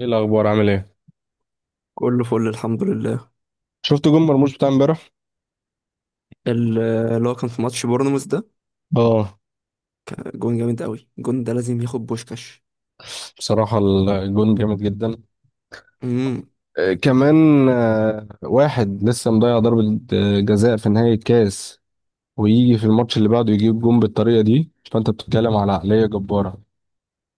ايه الاخبار؟ عامل ايه؟ كله فل الحمد لله. شفت جون مرموش بتاع امبارح؟ اللي هو كان في ماتش بورنموث ده. اه، جون جامد قوي، الجون ده لازم ياخد بوشكاش. بصراحه الجون جامد جدا. امم كمان، واحد لسه مضيع ضربه جزاء في نهايه الكاس، ويجي في الماتش اللي بعده يجيب جون بالطريقه دي. فانت بتتكلم على عقليه جباره.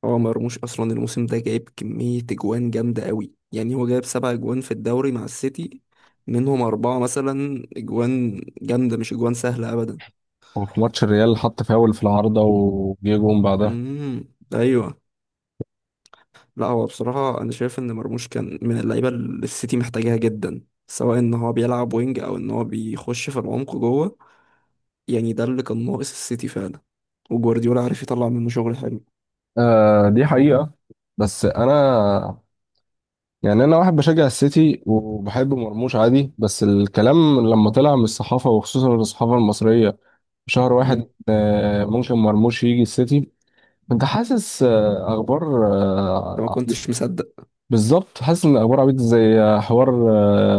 هو مرموش اصلا الموسم ده جايب كمية اجوان جامدة قوي، يعني هو جايب سبع اجوان في الدوري مع السيتي، منهم اربعة مثلا اجوان جامدة مش اجوان سهلة ابدا. وفي ماتش الريال حط فاول في العارضه وجه جون بعدها. امم ايوه. لا هو بصراحة انا شايف ان مرموش كان من اللعيبة اللي السيتي محتاجاها جدا، سواء ان هو بيلعب وينج او ان هو بيخش في العمق جوه. يعني ده اللي كان ناقص السيتي فعلا، وجوارديولا عارف يطلع منه شغل حلو. دي حقيقه. بس انا، يعني انا واحد بشجع السيتي وبحب مرموش عادي، بس الكلام لما طلع من الصحافه وخصوصا الصحافه المصريه، شهر واحد، امم ممكن مرموش يجي السيتي، انت حاسس، اخبار، انت ما آه، كنتش مصدق؟ بالظبط، حاسس ان اخبار عبيط زي حوار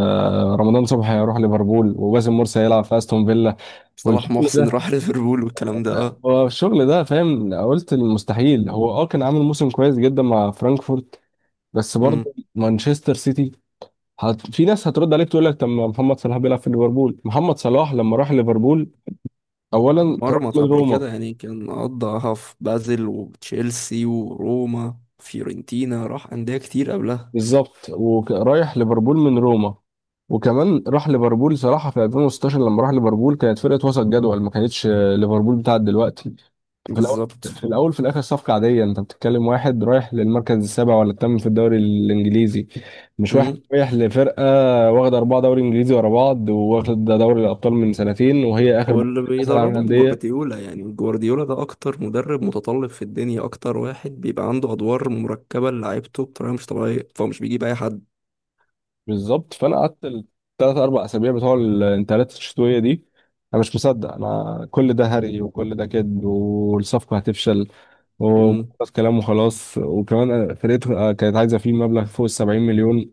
رمضان صبحي هيروح ليفربول وباسم مرسي هيلعب في استون فيلا صلاح والشغل محسن ده. راح ليفربول والكلام ده اه. هو الشغل ده، فاهم؟ قلت المستحيل. هو كان عامل موسم كويس جدا مع فرانكفورت بس امم برضه مانشستر سيتي. في ناس هترد عليك تقول لك طب ما محمد صلاح بيلعب في ليفربول، محمد صلاح لما راح ليفربول اولا راح اتمرمط من قبل روما. كده يعني، كان قضاها في بازل وتشيلسي وروما فيورنتينا، راح أندية كتير قبلها. بالظبط، ورايح ليفربول من روما. وكمان راح ليفربول صراحه في 2016، لما راح ليفربول كانت فرقه وسط جدول، ما كانتش ليفربول بتاعت دلوقتي. في الاول بالظبط. في الاخر صفقه عاديه، انت بتتكلم واحد رايح للمركز السابع ولا الثامن في الدوري الانجليزي، مش واحد امم رايح لفرقه واخده اربعه دوري انجليزي ورا بعض، واخد دوري الابطال من سنتين وهي اخر بطولة، واللي كاس العالم بيدربهم للانديه. جوارديولا، يعني جوارديولا ده أكتر مدرب متطلب في الدنيا، أكتر واحد بيبقى عنده أدوار مركبة لعيبته بطريقة مش طبيعية، فهو مش بيجيب أي حد. بالظبط، فانا قعدت الثلاث اربع اسابيع بتوع الانتقالات الشتويه دي انا مش مصدق، انا كل ده هري وكل ده كذب والصفقه هتفشل امم وخلاص، كلام وخلاص. وكمان أنا فرقته كانت عايزه فيه مبلغ فوق ال 70 مليون،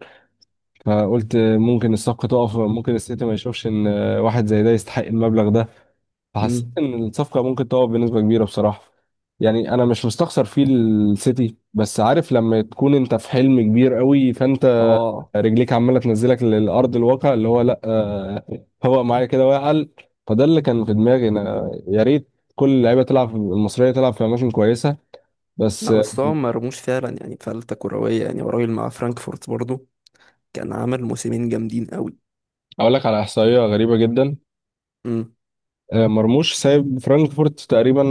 فقلت ممكن الصفقه تقف، ممكن السيتي ما يشوفش ان واحد زي ده يستحق المبلغ ده. فحسيت امم ان الصفقه ممكن تقع بنسبه كبيره بصراحه. يعني انا مش مستخسر فيه السيتي، بس عارف لما تكون انت في حلم كبير قوي فانت اه. رجليك عماله تنزلك للارض الواقع اللي هو لا هو معايا كده واقل. فده اللي كان في دماغي، انا يا ريت كل اللعيبه تلعب المصريه تلعب في اماكن كويسه بس. لا بس هو مرموش فعلا يعني فلتة كروية، يعني هو راجل مع فرانكفورت برضه كان عامل موسمين جامدين قوي. اقول لك على احصائيه غريبه جدا. امم مرموش سايب فرانكفورت تقريبا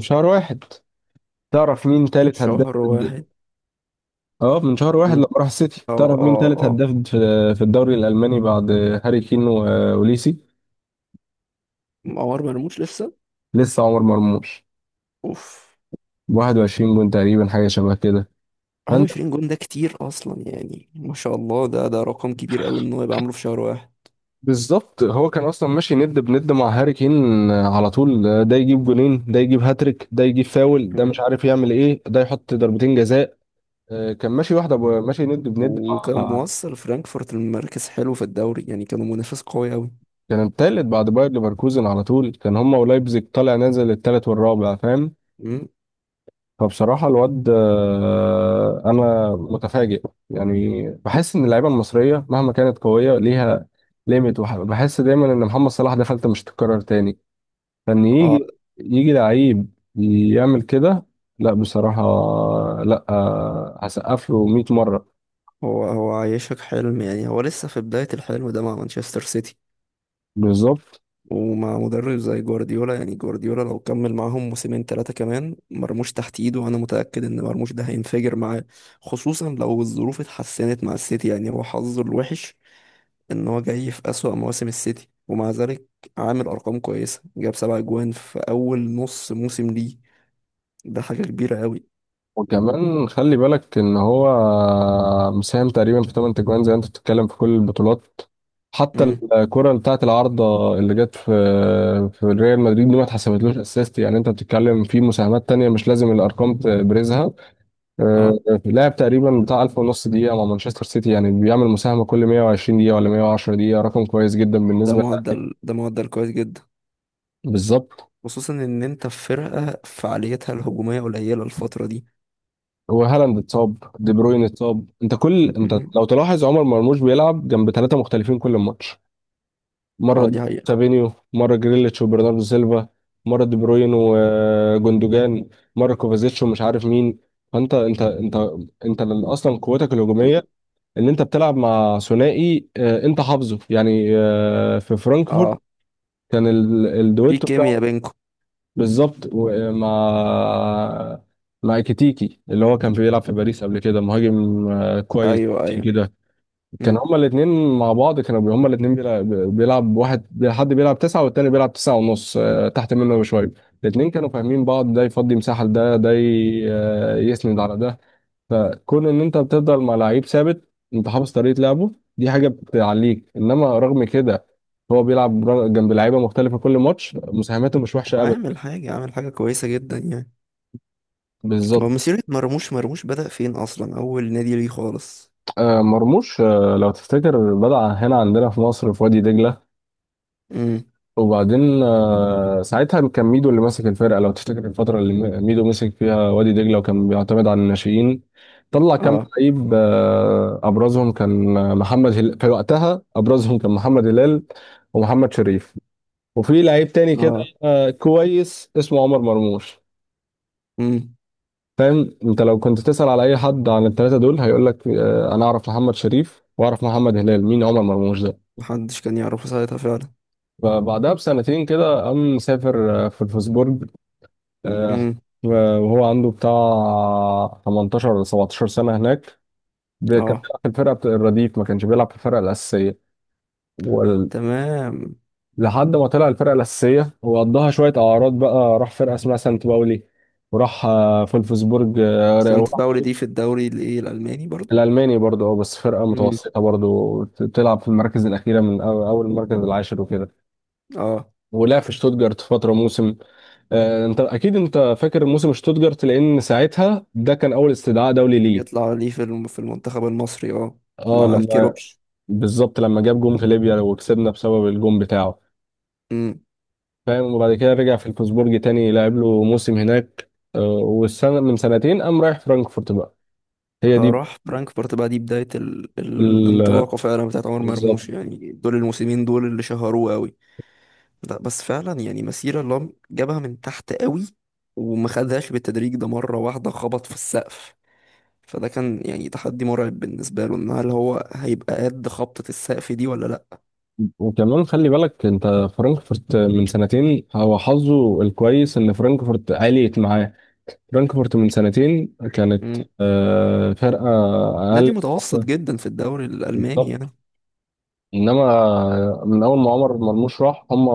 شهر واحد، تعرف مين تالت هداف؟ شهر واحد. اه، من شهر واحد امم لما راح السيتي، اه تعرف مين اه تالت اه. هداف في في الدوري الالماني بعد هاري كين واوليسي؟ عمر مرموش لسه. لسه عمر مرموش اوف. 21 جون تقريبا، حاجه شبه كده. فانت، 21 جون ده كتير اصلا، يعني ما شاء الله ده رقم كبير قوي ان هو يبقى عامله في شهر واحد. بالظبط، هو كان اصلا ماشي ند بند مع هاري كين على طول. ده يجيب جونين، ده يجيب هاتريك، ده يجيب فاول، ده امم مش عارف يعمل ايه، ده يحط ضربتين جزاء. كان ماشي واحده ماشي ند بند وكان مع، موصل فرانكفورت لمركز حلو في الدوري، يعني كانوا منافس قوي قوي. كان التالت بعد باير ليفركوزن على طول. كان هما ولايبزيج طالع نازل التالت والرابع، فاهم؟ امم فبصراحة الواد، أنا متفاجئ. يعني بحس إن اللعيبة المصرية مهما كانت قوية ليها ليميت، بحس دايما إن محمد صلاح ده فلتة مش تتكرر تاني، فإن يجي اه. يجي لعيب يعمل كده، لا بصراحة. لا هسقف له 100 مرة. هو هو عايشك حلم، يعني هو لسه في بداية الحلم ده مع مانشستر سيتي. بالظبط، ومع مدرب زي جوارديولا، يعني جوارديولا لو كمل معاهم موسمين ثلاثة كمان، مرموش تحت ايده وانا متأكد ان مرموش ده هينفجر معاه. خصوصا لو الظروف اتحسنت مع السيتي، يعني هو حظه الوحش ان هو جاي في أسوأ مواسم السيتي، ومع ذلك عامل ارقام كويسة، جاب سبع اجوان في اول نص موسم ليه. ده حاجة كبيرة قوي. وكمان خلي بالك ان هو مساهم تقريبا في 8 تجوان زي ما انت بتتكلم في كل البطولات. حتى امم الكرة بتاعت العارضة اللي جت في في ريال مدريد دي ما اتحسبتلوش اسيست، يعني انت بتتكلم في مساهمات تانية مش لازم الارقام تبرزها. اه. آه، لعب تقريبا بتاع 1000 ونص دقيقة مع مانشستر سيتي، يعني بيعمل مساهمة كل 120 دقيقة ولا 110 دقيقة، رقم كويس جدا ده بالنسبة للاعب. معدل ده معدل كويس جدا، بالظبط. خصوصا ان انت في فرقة فعاليتها الهجومية قليلة الفترة دي. وهالاند اتصاب، دي بروين اتصاب، انت كل انت مم. لو تلاحظ عمر مرموش بيلعب جنب ثلاثة مختلفين كل ماتش. اه مرة دي حقيقة. سابينيو، مرة جريليتش وبرناردو سيلفا، مرة دي بروين وجوندوجان، مرة كوفازيتش ومش عارف مين. فانت انت اصلا قوتك الهجومية ان انت بتلعب مع ثنائي، انت حافظه يعني، في فرانكفورت اه كان في الدويتو بتاعه. كيمياء بينكم. بالظبط مع كيتيكي اللي هو كان بيلعب في باريس قبل كده، مهاجم كويس ايوه ايوه. كده. كان امم هما الاتنين مع بعض، كانوا هما الاتنين بيلعب واحد، حد بيلعب تسعة والتاني بيلعب تسعة ونص، تحت منه بشوية. الاتنين كانوا فاهمين بعض، ده يفضي مساحة لده، ده يسند على ده. فكون ان انت بتفضل مع لعيب ثابت انت حافظ طريقة لعبه، دي حاجة بتعليك. انما رغم كده هو بيلعب جنب لعيبة مختلفة كل ماتش، مساهماته مش وحشة ابدا. وعامل حاجة كويسة جدا يعني. بالظبط. هو مسيرة مرموش، مرموش بدأ فين أصلا، أول نادي ليه خالص؟ مرموش لو تفتكر بدأ هنا عندنا في مصر في وادي دجلة. امم وبعدين ساعتها كان ميدو اللي ماسك الفرقه، لو تفتكر الفتره اللي ميدو مسك فيها وادي دجله، وكان بيعتمد على الناشئين. طلع كام اه لعيب، ابرزهم كان محمد هلال، في وقتها ابرزهم كان محمد هلال ومحمد شريف، وفي لعيب تاني كده اه. كويس اسمه عمر مرموش. امم فاهم؟ انت لو كنت تسأل على اي حد عن الثلاثه دول هيقول لك، انا اعرف محمد شريف واعرف محمد هلال، مين عمر مرموش ده؟ محدش كان يعرفه ساعتها فعلا. فبعدها بسنتين كده قام مسافر، في الفوسبورج، آه، امم وهو عنده بتاع 18 ولا 17 سنة هناك. كان اه بيلعب في الفرقة بتاع الرديف، ما كانش بيلعب في الفرقة الأساسية ولحد تمام. ما طلع الفرقة الأساسية. وقضاها شوية أعراض بقى، راح فرقة اسمها سانت باولي، وراح فولفسبورج، سانت وراح باولي دي في الدوري الايه الألماني برضو؟ الألماني برضه. اه، بس فرقة امم متوسطة برضه تلعب في المراكز الأخيرة من أول المركز العاشر وكده. اه. ولعب في شتوتجارت فترة موسم. انت اكيد انت فاكر موسم شتوتجارت، لان ساعتها ده كان اول استدعاء دولي ليه. يطلع ليه في في المنتخب المصري، اه اه، مع لما كيروش. بالظبط لما جاب جون في ليبيا وكسبنا بسبب الجون بتاعه. امم فاهم؟ وبعد كده رجع في الفوسبورج تاني، لعب له موسم هناك. والسنة من سنتين قام رايح فرانكفورت بقى. هي دي فراح فرانكفورت بقى، دي بداية ال- الانطلاقة فعلا بتاعت عمر بالظبط. مرموش، يعني دول الموسمين دول اللي شهروه قوي. لا بس فعلا يعني مسيرة لام جابها من تحت قوي، وما خدهاش بالتدريج، ده مرة واحدة خبط في السقف. فده كان يعني تحدي مرعب بالنسبة له، ان هل هو هيبقى قد خبطة السقف دي ولا لا؟ وكمان خلي بالك انت، فرانكفورت من سنتين، هو حظه الكويس ان فرانكفورت عليت معاه. فرانكفورت من سنتين كانت مم. فرقة نادي اقل. متوسط جدا في الدوري الألماني بالظبط، يعني. انما من اول ما عمر مرموش راح، هم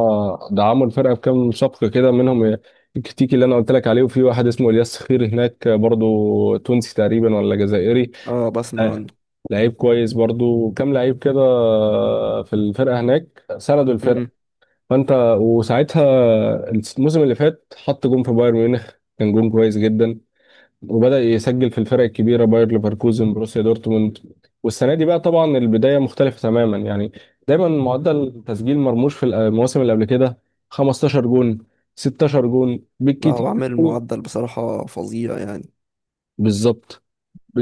دعموا الفرقه بكام شق كده، منهم الكتيكي اللي انا قلت لك عليه، وفي واحد اسمه الياس خير هناك برضو، تونسي تقريبا ولا جزائري. اه بسمع عنه. آه، لعيب كويس برضو، كام لعيب كده في الفرقه هناك، سندوا الفرقه. مم. فانت، وساعتها الموسم اللي فات حط جون في بايرن ميونخ، كان جون كويس جدا. وبدأ يسجل في الفرق الكبيرة، باير ليفركوزن، بروسيا دورتموند. والسنة دي بقى طبعا البداية مختلفة تماما. يعني دايما معدل تسجيل مرموش في المواسم اللي قبل كده 15 جون، 16 جون لا هو بالكتير. عامل أوي. معدل بصراحة فظيع يعني. بالظبط.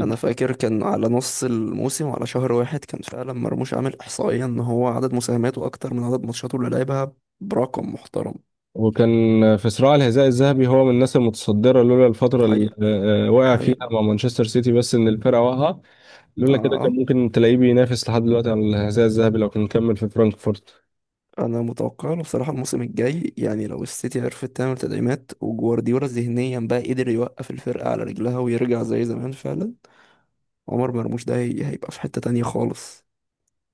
انا فاكر كان على نص الموسم وعلى شهر واحد، كان فعلا مرموش عامل احصائية ان هو عدد مساهماته اكتر من عدد ماتشاته اللي لعبها برقم محترم. وكان في صراع الحذاء الذهبي هو من الناس المتصدرة، لولا دي الفترة اللي حقيقة. وقع هي فيها مع مانشستر سيتي بس إن الفرقة واقعة. لولا كده كان اه. ممكن تلاقيه بينافس لحد دلوقتي على الحذاء الذهبي لو كان كمل في فرانكفورت. انا متوقع له بصراحه الموسم الجاي، يعني لو السيتي عرفت تعمل تدعيمات وجوارديولا ذهنيا بقى قدر يوقف الفرقه على رجلها ويرجع زي زمان، فعلا عمر مرموش ده هيبقى في حته تانية خالص.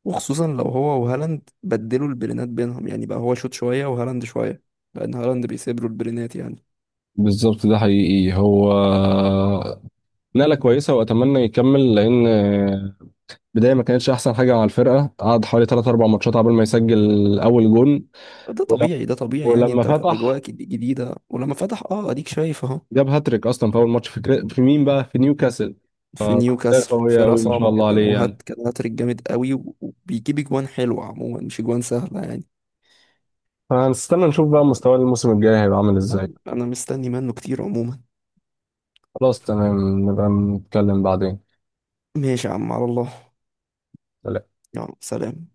وخصوصا لو هو وهالاند بدلوا البلينات بينهم، يعني بقى هو شوت شويه وهالاند شويه، لان هالاند بيسيب له البلينات يعني. بالظبط، ده حقيقي. هو نقلة كويسة وأتمنى يكمل، لأن بداية ما كانتش أحسن حاجة مع الفرقة. قعد حوالي 3 4 ماتشات قبل ما يسجل أول جون. ده ول- طبيعي ده طبيعي يعني، ولما انت في اجواء فتح جديده. ولما فتح اه اديك شايف اهو. جاب هاتريك أصلا في أول ماتش في، في مين بقى؟ في نيوكاسل. في فرقة نيوكاسل، قوية فرقه أوي ما صعبه شاء الله جدا، عليه. يعني وهات كان هاتريك جامد قوي، وبيجيب اجوان حلوه عموما مش اجوان سهله يعني. فهنستنى نشوف بقى مستواه الموسم الجاي هيبقى عامل إزاي. لا انا مستني منه كتير عموما. خلاص، تمام، نبقى نتكلم بعدين. ماشي يا عم، على الله. يلا سلام.